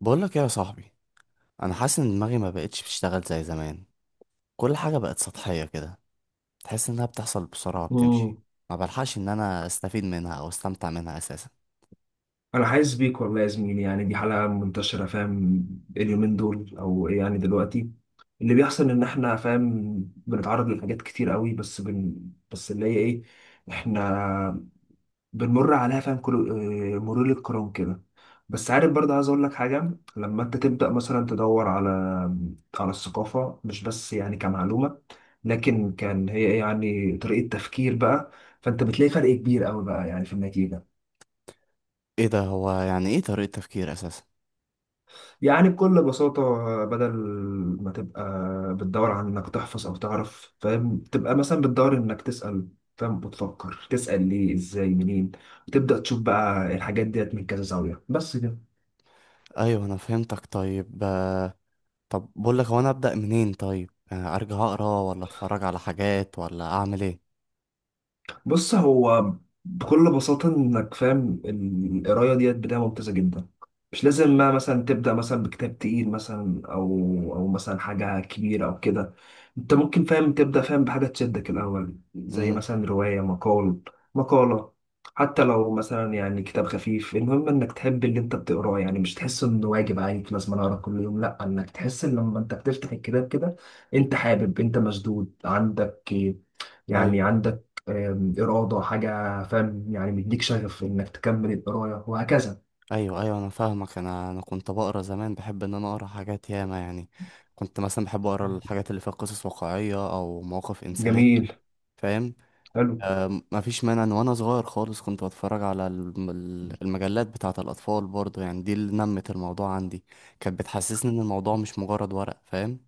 بقول لك ايه يا صاحبي. انا حاسس ان دماغي ما بقتش بتشتغل زي زمان. كل حاجه بقت سطحيه كده، تحس انها بتحصل بسرعه مم. بتمشي. ما بلحقش ان انا استفيد منها او استمتع منها اساسا. انا حاسس بيك والله يا زميلي، يعني دي حلقه منتشره، فاهم؟ اليومين دول، او يعني دلوقتي، اللي بيحصل ان احنا، فاهم، بنتعرض لحاجات كتير قوي، بس بس اللي هي ايه، احنا بنمر عليها، فاهم، كل مرور الكرام كده. بس عارف برضه، عايز اقول لك حاجه. لما انت تبدا مثلا تدور على الثقافه، مش بس يعني كمعلومه، لكن كان هي إيه، يعني طريقه تفكير بقى، فانت بتلاقي فرق كبير قوي بقى، يعني في النتيجه. ايه ده، هو يعني ايه طريقه تفكير اساسا؟ يعني بكل بساطة، بدل ما تبقى بتدور على إنك تحفظ أو تعرف، فاهم، تبقى مثلا بتدور إنك تسأل، فاهم، وتفكر تسأل ليه إزاي منين، وتبدأ تشوف بقى الحاجات ديت من كذا زاوية، بس كده. ايوه انا فهمتك. طيب طب بقول لك، هو انا ابدا منين؟ طيب، ارجع اقرا ولا اتفرج على حاجات ولا اعمل ايه؟ بص، هو بكل بساطة إنك، فاهم، القراية ديت بداية ممتازة جدا. مش لازم ما مثلا تبدأ مثلا بكتاب تقيل مثلا أو مثلا حاجة كبيرة أو كده. أنت ممكن، فاهم، تبدأ، فاهم، بحاجة تشدك الأول، زي امم مثلا رواية، مقالة. حتى لو مثلا يعني كتاب خفيف، المهم إنك تحب اللي أنت بتقراه، يعني مش تحس إنه واجب عليك لازم أنا أقرأ كل يوم، لأ، إنك تحس إن لما أنت بتفتح الكتاب كده، أنت حابب، أنت مشدود، عندك يعني ايوه عندك إرادة، حاجة، فاهم، يعني مديك شغف إنك تكمل القراية وهكذا. ايوه ايوه انا فاهمك. انا كنت بقرا زمان، بحب ان انا اقرا حاجات ياما يعني. كنت مثلا بحب اقرا الحاجات اللي فيها قصص واقعيه او مواقف انسانيه، جميل. فاهم. حلو. آه، مفيش مانع ان وانا صغير خالص كنت بتفرج على المجلات بتاعه الاطفال برضه، يعني دي اللي نمت الموضوع عندي. كانت بتحسسني ان الموضوع مش مجرد ورق، فاهم.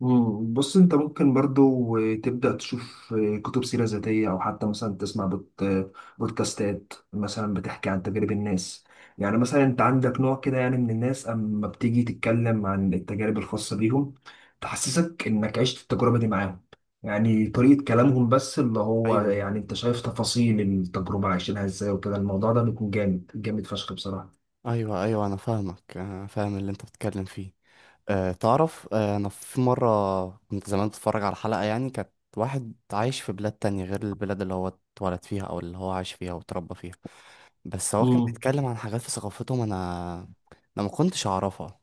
مم. بص، انت ممكن برضو تبدأ تشوف كتب سيرة ذاتية، او حتى مثلا تسمع بودكاستات مثلا بتحكي عن تجارب الناس. يعني مثلا انت عندك نوع كده يعني من الناس، اما بتيجي تتكلم عن التجارب الخاصة بيهم، تحسسك انك عشت التجربة دي معاهم، يعني طريقة كلامهم، بس اللي هو ايوه يعني انت شايف تفاصيل التجربة عايشينها ازاي، وكده الموضوع ده بيكون جامد جامد فشخ بصراحة. ايوه ايوه انا فاهمك، انا فاهم اللي انت بتتكلم فيه. أه تعرف، أنا في مرة كنت زمان بتفرج على حلقة، يعني كانت واحد عايش في بلاد تانية غير البلاد اللي هو اتولد فيها أو اللي هو عايش فيها وتربى فيها، بس هو كان مم. بيتكلم عن حاجات في ثقافتهم أنا ما كنتش أعرفها.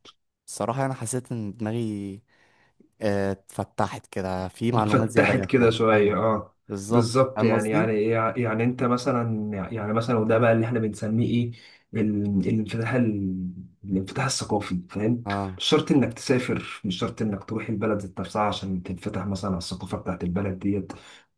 الصراحة أنا حسيت إن دماغي اتفتحت كده، في معلومات زيادة اتفتحت جات كده لها. شوية، أيوه، اه. بالظبط، بالظبط، فاهم يعني قصدي؟ يعني انت مثلا، يعني مثلا، وده بقى اللي احنا بنسميه ايه، ال- الانفتاح ال- الانفتاح الثقافي، فاهم. اه مش شرط انك تسافر، مش شرط انك تروح البلد ذات نفسها عشان تنفتح مثلا على الثقافة بتاعت البلد ديت.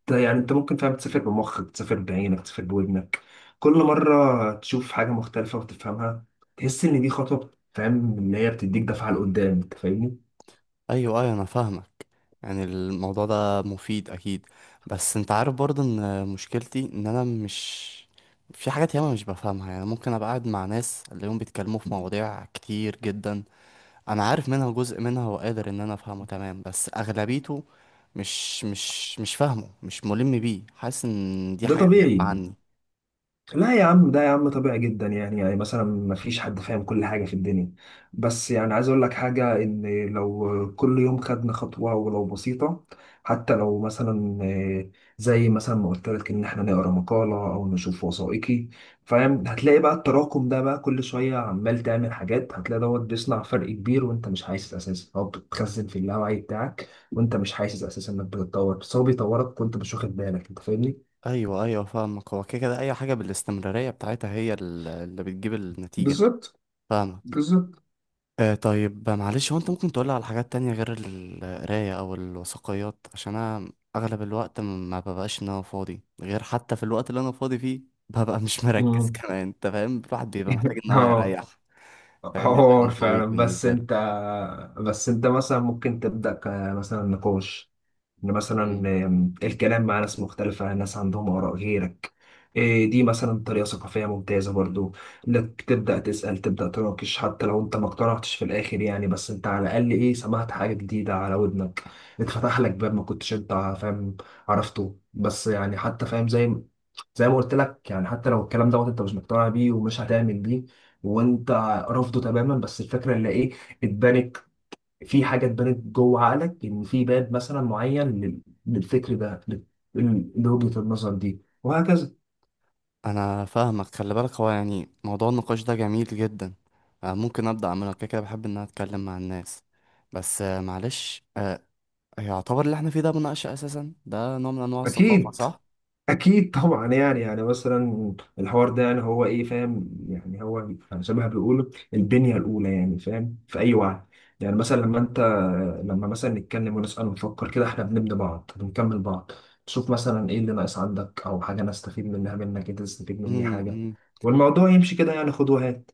ده يعني انت ممكن، فاهم، تسافر بمخك، تسافر بعينك، تسافر بودنك، كل مرة تشوف حاجة مختلفة وتفهمها، تحس ان دي خطوة، فاهم، اللي هي بتديك دفعة لقدام، انت فاهمني. ايوه ايوه انا فاهمك. يعني الموضوع ده مفيد اكيد، بس انت عارف برضه ان مشكلتي ان انا مش، في حاجات ياما مش بفهمها. يعني ممكن ابقى قاعد مع ناس اليوم بيتكلموا في مواضيع كتير جدا، انا عارف منها جزء، منها وقادر ان انا افهمه تمام، بس اغلبيته مش فاهمه، مش ملم بيه، حاسس ان دي ده حاجة غريبة طبيعي. عني. لا يا عم، ده يا عم طبيعي جدا، يعني مثلا ما فيش حد فاهم كل حاجة في الدنيا. بس يعني عايز اقول لك حاجة، ان لو كل يوم خدنا خطوة ولو بسيطة، حتى لو مثلا، زي مثلا ما قلت لك ان احنا نقرا مقالة او نشوف وثائقي، فاهم، هتلاقي بقى التراكم ده بقى كل شوية عمال تعمل حاجات، هتلاقي دوت بيصنع فرق كبير وانت مش حاسس اساسا، او بتخزن في اللاوعي بتاعك وانت مش حاسس اساسا انك بتتطور، بس هو بيطورك وانت مش واخد بالك، انت فاهمني؟ ايوه ايوه فاهمك. هو كده كده اي حاجة بالاستمرارية بتاعتها هي اللي بتجيب النتيجة. بالظبط، فاهمك. بالظبط. آه طيب، معلش، هو انت ممكن تقولي على حاجات تانية غير القراية او الوثائقيات؟ عشان انا اغلب الوقت ما ببقاش ان انا فاضي، غير حتى في الوقت اللي انا فاضي فيه ببقى مش مركز مم. كمان انت فاهم، الواحد بيبقى محتاج ان هو اه. يريح، فاهم. بيبقى حوار يوم طويل فعلا. بس بالنسبة انت له. بس انت مثلا ممكن تبدأ، مثلا نقاش، ان مثلا مم. الكلام مع ناس مختلفة، ناس عندهم آراء غيرك. دي مثلا طريقة ثقافية ممتازة برضو. انك تبدأ تسأل، تبدأ تناقش، حتى لو انت ما اقتنعتش في الآخر يعني، بس انت على الأقل ايه، سمعت حاجة جديدة على ودنك، اتفتح لك باب ما كنتش انت، فاهم، عرفته. بس يعني، حتى فاهم، زي ما قلت لك، يعني حتى لو الكلام دوت انت مش مقتنع بيه ومش هتعمل بيه وانت رافضه تماما، بس الفكرة اللي ايه، اتبنت، في حاجه اتبنت جوه عقلك، ان في باب مثلا معين للفكر ده لوجهه النظر دي وهكذا. انا فاهمك. خلي بالك هو يعني موضوع النقاش ده جميل جدا. آه ممكن ابدا اعمله، كده كده بحب ان انا اتكلم مع الناس. بس معلش، يعتبر اللي احنا فيه ده مناقشة اساسا؟ ده نوع من انواع الثقافة اكيد. صح؟ اكيد طبعا، يعني مثلا الحوار ده، يعني هو ايه، فاهم، يعني هو يعني زي ما بيقولوا البنيه الاولى، يعني فاهم، في اي وعي. يعني مثلا لما مثلا نتكلم ونسال ونفكر كده، احنا بنبني بعض، بنكمل بعض. تشوف مثلا ايه اللي ناقص عندك، او حاجه انا استفيد منها منك، انت تستفيد مني مم، حاجه، مم. والموضوع يمشي كده، يعني خد وهات.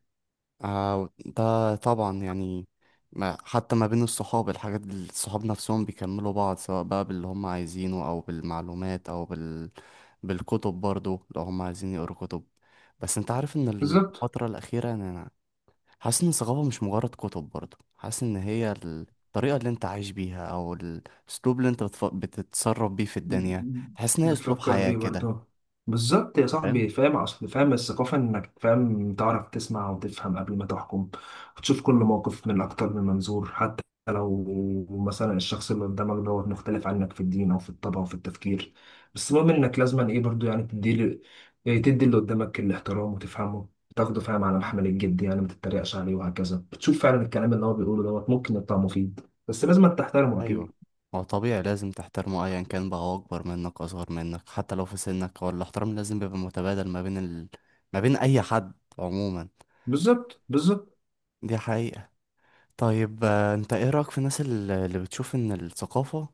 آه ده طبعا يعني، ما حتى ما بين الصحاب الصحاب نفسهم بيكملوا بعض، سواء بقى باللي هم عايزينه أو بالمعلومات أو بال... بالكتب برضو لو هم عايزين يقروا كتب. بس انت عارف ان بالظبط، الفترة الأخيرة، يعني أنا حاسس ان الثقافة مش مجرد كتب برضو، حاسس ان هي الطريقة اللي انت عايش بيها أو الأسلوب اللي انت بتف... بتتصرف بيه في الدنيا. تحس ان هي أسلوب بتفكر حياة بيه كده، برضه. بالظبط يا فاهم. صاحبي، فاهم، اصل فاهم الثقافة انك، فاهم، تعرف تسمع وتفهم قبل ما تحكم، وتشوف كل موقف من اكتر من منظور، حتى لو مثلا الشخص اللي قدامك دوت مختلف عنك في الدين او في الطبع او في التفكير، بس المهم انك لازما ايه برضه، يعني تدي ل- إيه تدي اللي قدامك الاحترام وتفهمه، تاخده، فاهم، على محمل الجد، يعني ما تتريقش عليه وهكذا. بتشوف فعلا الكلام اللي هو بيقوله دوت ممكن يطلع مفيد، بس لازم تحترمه ايوه، اكيد. هو طبيعي لازم تحترمه ايا كان بقى، هو اكبر منك، اصغر منك، حتى لو في سنك، هو الاحترام لازم بيبقى متبادل ما بين ال... ما بين اي حد عموما. بالظبط، بالظبط. دي حقيقة. طيب انت ايه رأيك في الناس اللي بتشوف ان الثقافة،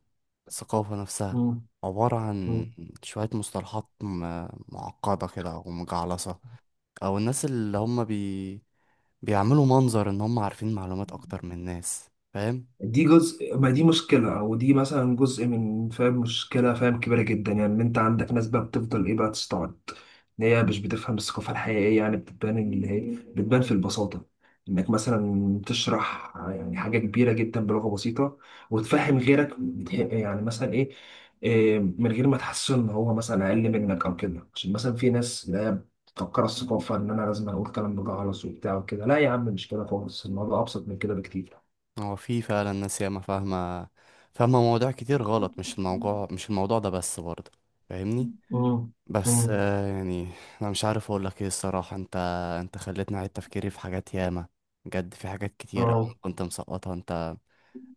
الثقافة نفسها عبارة عن مم. شوية مصطلحات معقدة كده او مجعلصة؟ او الناس اللي هم بي... بيعملوا منظر ان هم عارفين معلومات اكتر من الناس، فاهم. دي جزء ما، دي مشكلة، أو دي مثلا جزء من، فاهم، مشكلة، فاهم، كبيرة جدا. يعني إن أنت عندك ناس بقى بتفضل إيه بقى تستعد، إن هي مش بتفهم الثقافة الحقيقية، يعني بتبان اللي هي بتبان في البساطة، إنك مثلا تشرح يعني حاجة كبيرة جدا بلغة بسيطة وتفهم غيرك، يعني مثلا إيه، من غير ما تحس إن هو مثلا أقل منك أو كده، عشان مثلا في ناس اللي هي بتفكر الثقافة إن أنا لازم أقول كلام بجعلص وبتاع وكده، لا يا عم، مش كده خالص، الموضوع أبسط من كده بكتير. هو في فعلا ناس ياما فاهمة، فاهمة مواضيع كتير غلط، مش الموضوع ده بس برضه، فاهمني. مم. بس مم. يعني انا مش عارف اقول لك ايه الصراحة. انت خليتني اعيد تفكيري في حاجات ياما، بجد في حاجات كتير أوي اه، أنا كنت مسقطها. انت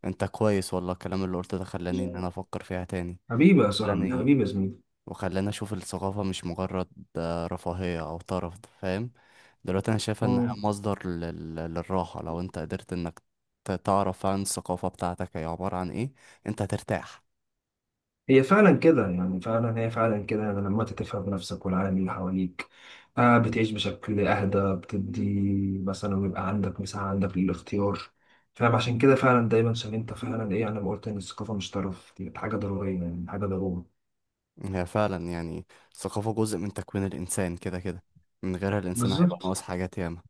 انت كويس والله، الكلام اللي قلته ده خلاني ان انا افكر فيها تاني. حبيبي يا صاحبي، خلاني حبيبي يا زميلي. وخلاني اشوف الثقافة مش مجرد رفاهية او طرف، فاهم. دلوقتي انا شايفها انها مم. مصدر للراحة. لو انت قدرت انك تعرف عن الثقافة بتاعتك هي عبارة عن ايه، انت هترتاح. هي فعلا كده، يعني فعلا هي فعلا كده، يعني لما انت تفهم نفسك والعالم اللي حواليك، بتعيش بشكل اهدى، بتدي مثلا، ويبقى عندك مساحة عندك للاختيار، فاهم، عشان كده فعلا دايما، عشان انت فعلا ايه، انا ما قلت ان الثقافة مش طرف، دي حاجة ضرورية، يعني حاجة ضرورة. هي فعلا يعني الثقافة جزء من تكوين الانسان، كده كده من غيرها الانسان هيبقى بالظبط. ناقص حاجات ياما.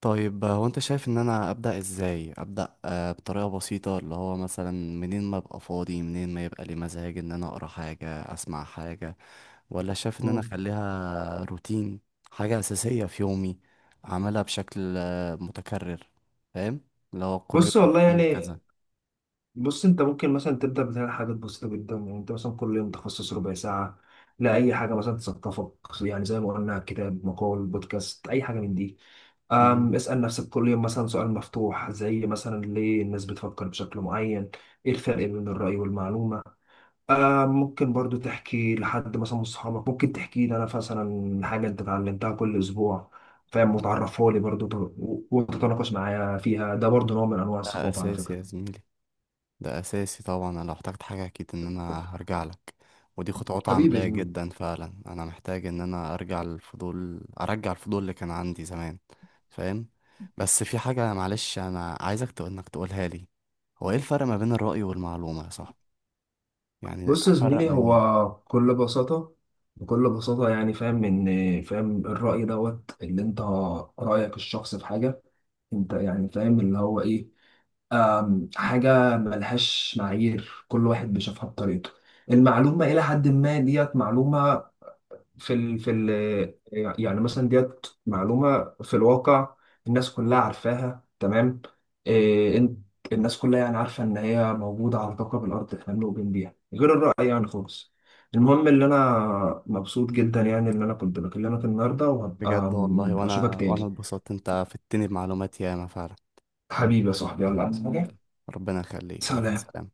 طيب هو انت شايف ان انا ابدا ازاي؟ ابدا بطريقه بسيطه، اللي هو مثلا منين ما ابقى فاضي، منين ما يبقى لي مزاج ان انا اقرا حاجه، اسمع حاجه، ولا شايف ان انا مم. اخليها روتين، حاجة أساسية في يومي، أعملها بشكل متكرر، فاهم، اللي هو كل بص والله يوم يعني كذا؟ بص انت ممكن مثلا تبدا بتعمل حاجات بسيطه جدا، يعني انت مثلا كل يوم تخصص ربع ساعه لاي حاجه مثلا تثقفك، يعني زي ما قلنا كتاب، مقال، بودكاست، اي حاجه من دي. مم. اسال نفسك كل يوم مثلا سؤال مفتوح، زي مثلا ليه الناس بتفكر بشكل معين، ايه الفرق بين الراي والمعلومه. ممكن برضو تحكي لحد مثلا من صحابك، ممكن تحكي لي انا مثلا حاجه انت اتعلمتها كل اسبوع، فاهم، وتعرفها لي برضو، وتتناقش معايا فيها، ده برضو نوع من انواع ده الثقافه على أساسي يا فكره. زميلي، ده أساسي طبعا. أنا لو احتجت حاجة أكيد إن أنا هرجع لك، ودي خطوات حبيبي يا عملية زميلي. جدا فعلا. أنا محتاج إن أنا أرجع الفضول اللي كان عندي زمان، فاهم. بس في حاجة معلش، أنا عايزك تقول إنك تقولها لي، هو إيه الفرق ما بين الرأي والمعلومة يا صاحبي؟ يعني بص يا أفرق زميلي، منين؟ هو بكل بساطة، يعني فاهم إن، فاهم، الرأي دوت اللي أنت، رأيك الشخص في حاجة، أنت يعني فاهم اللي هو إيه، حاجة ملهاش معايير، كل واحد بيشوفها بطريقته. المعلومة إلى حد ما ديت معلومة في ال في ال يعني مثلا ديت معلومة في الواقع، الناس كلها عارفاها تمام، إيه الناس كلها يعني عارفة إن هي موجودة على كوكب الأرض، إحنا ملومين بيها، غير الرأي يعني خالص. المهم اللي أنا مبسوط جدا، يعني إن أنا كنت بكلمك النهاردة، بجد وهبقى والله، أشوفك وانا تاني. اتبسطت، انت فدتني بمعلومات ياما فعلا. حبيبي يا صاحبي، يلا، عايز حاجة؟ ربنا يخليك، مع سلام. السلامة.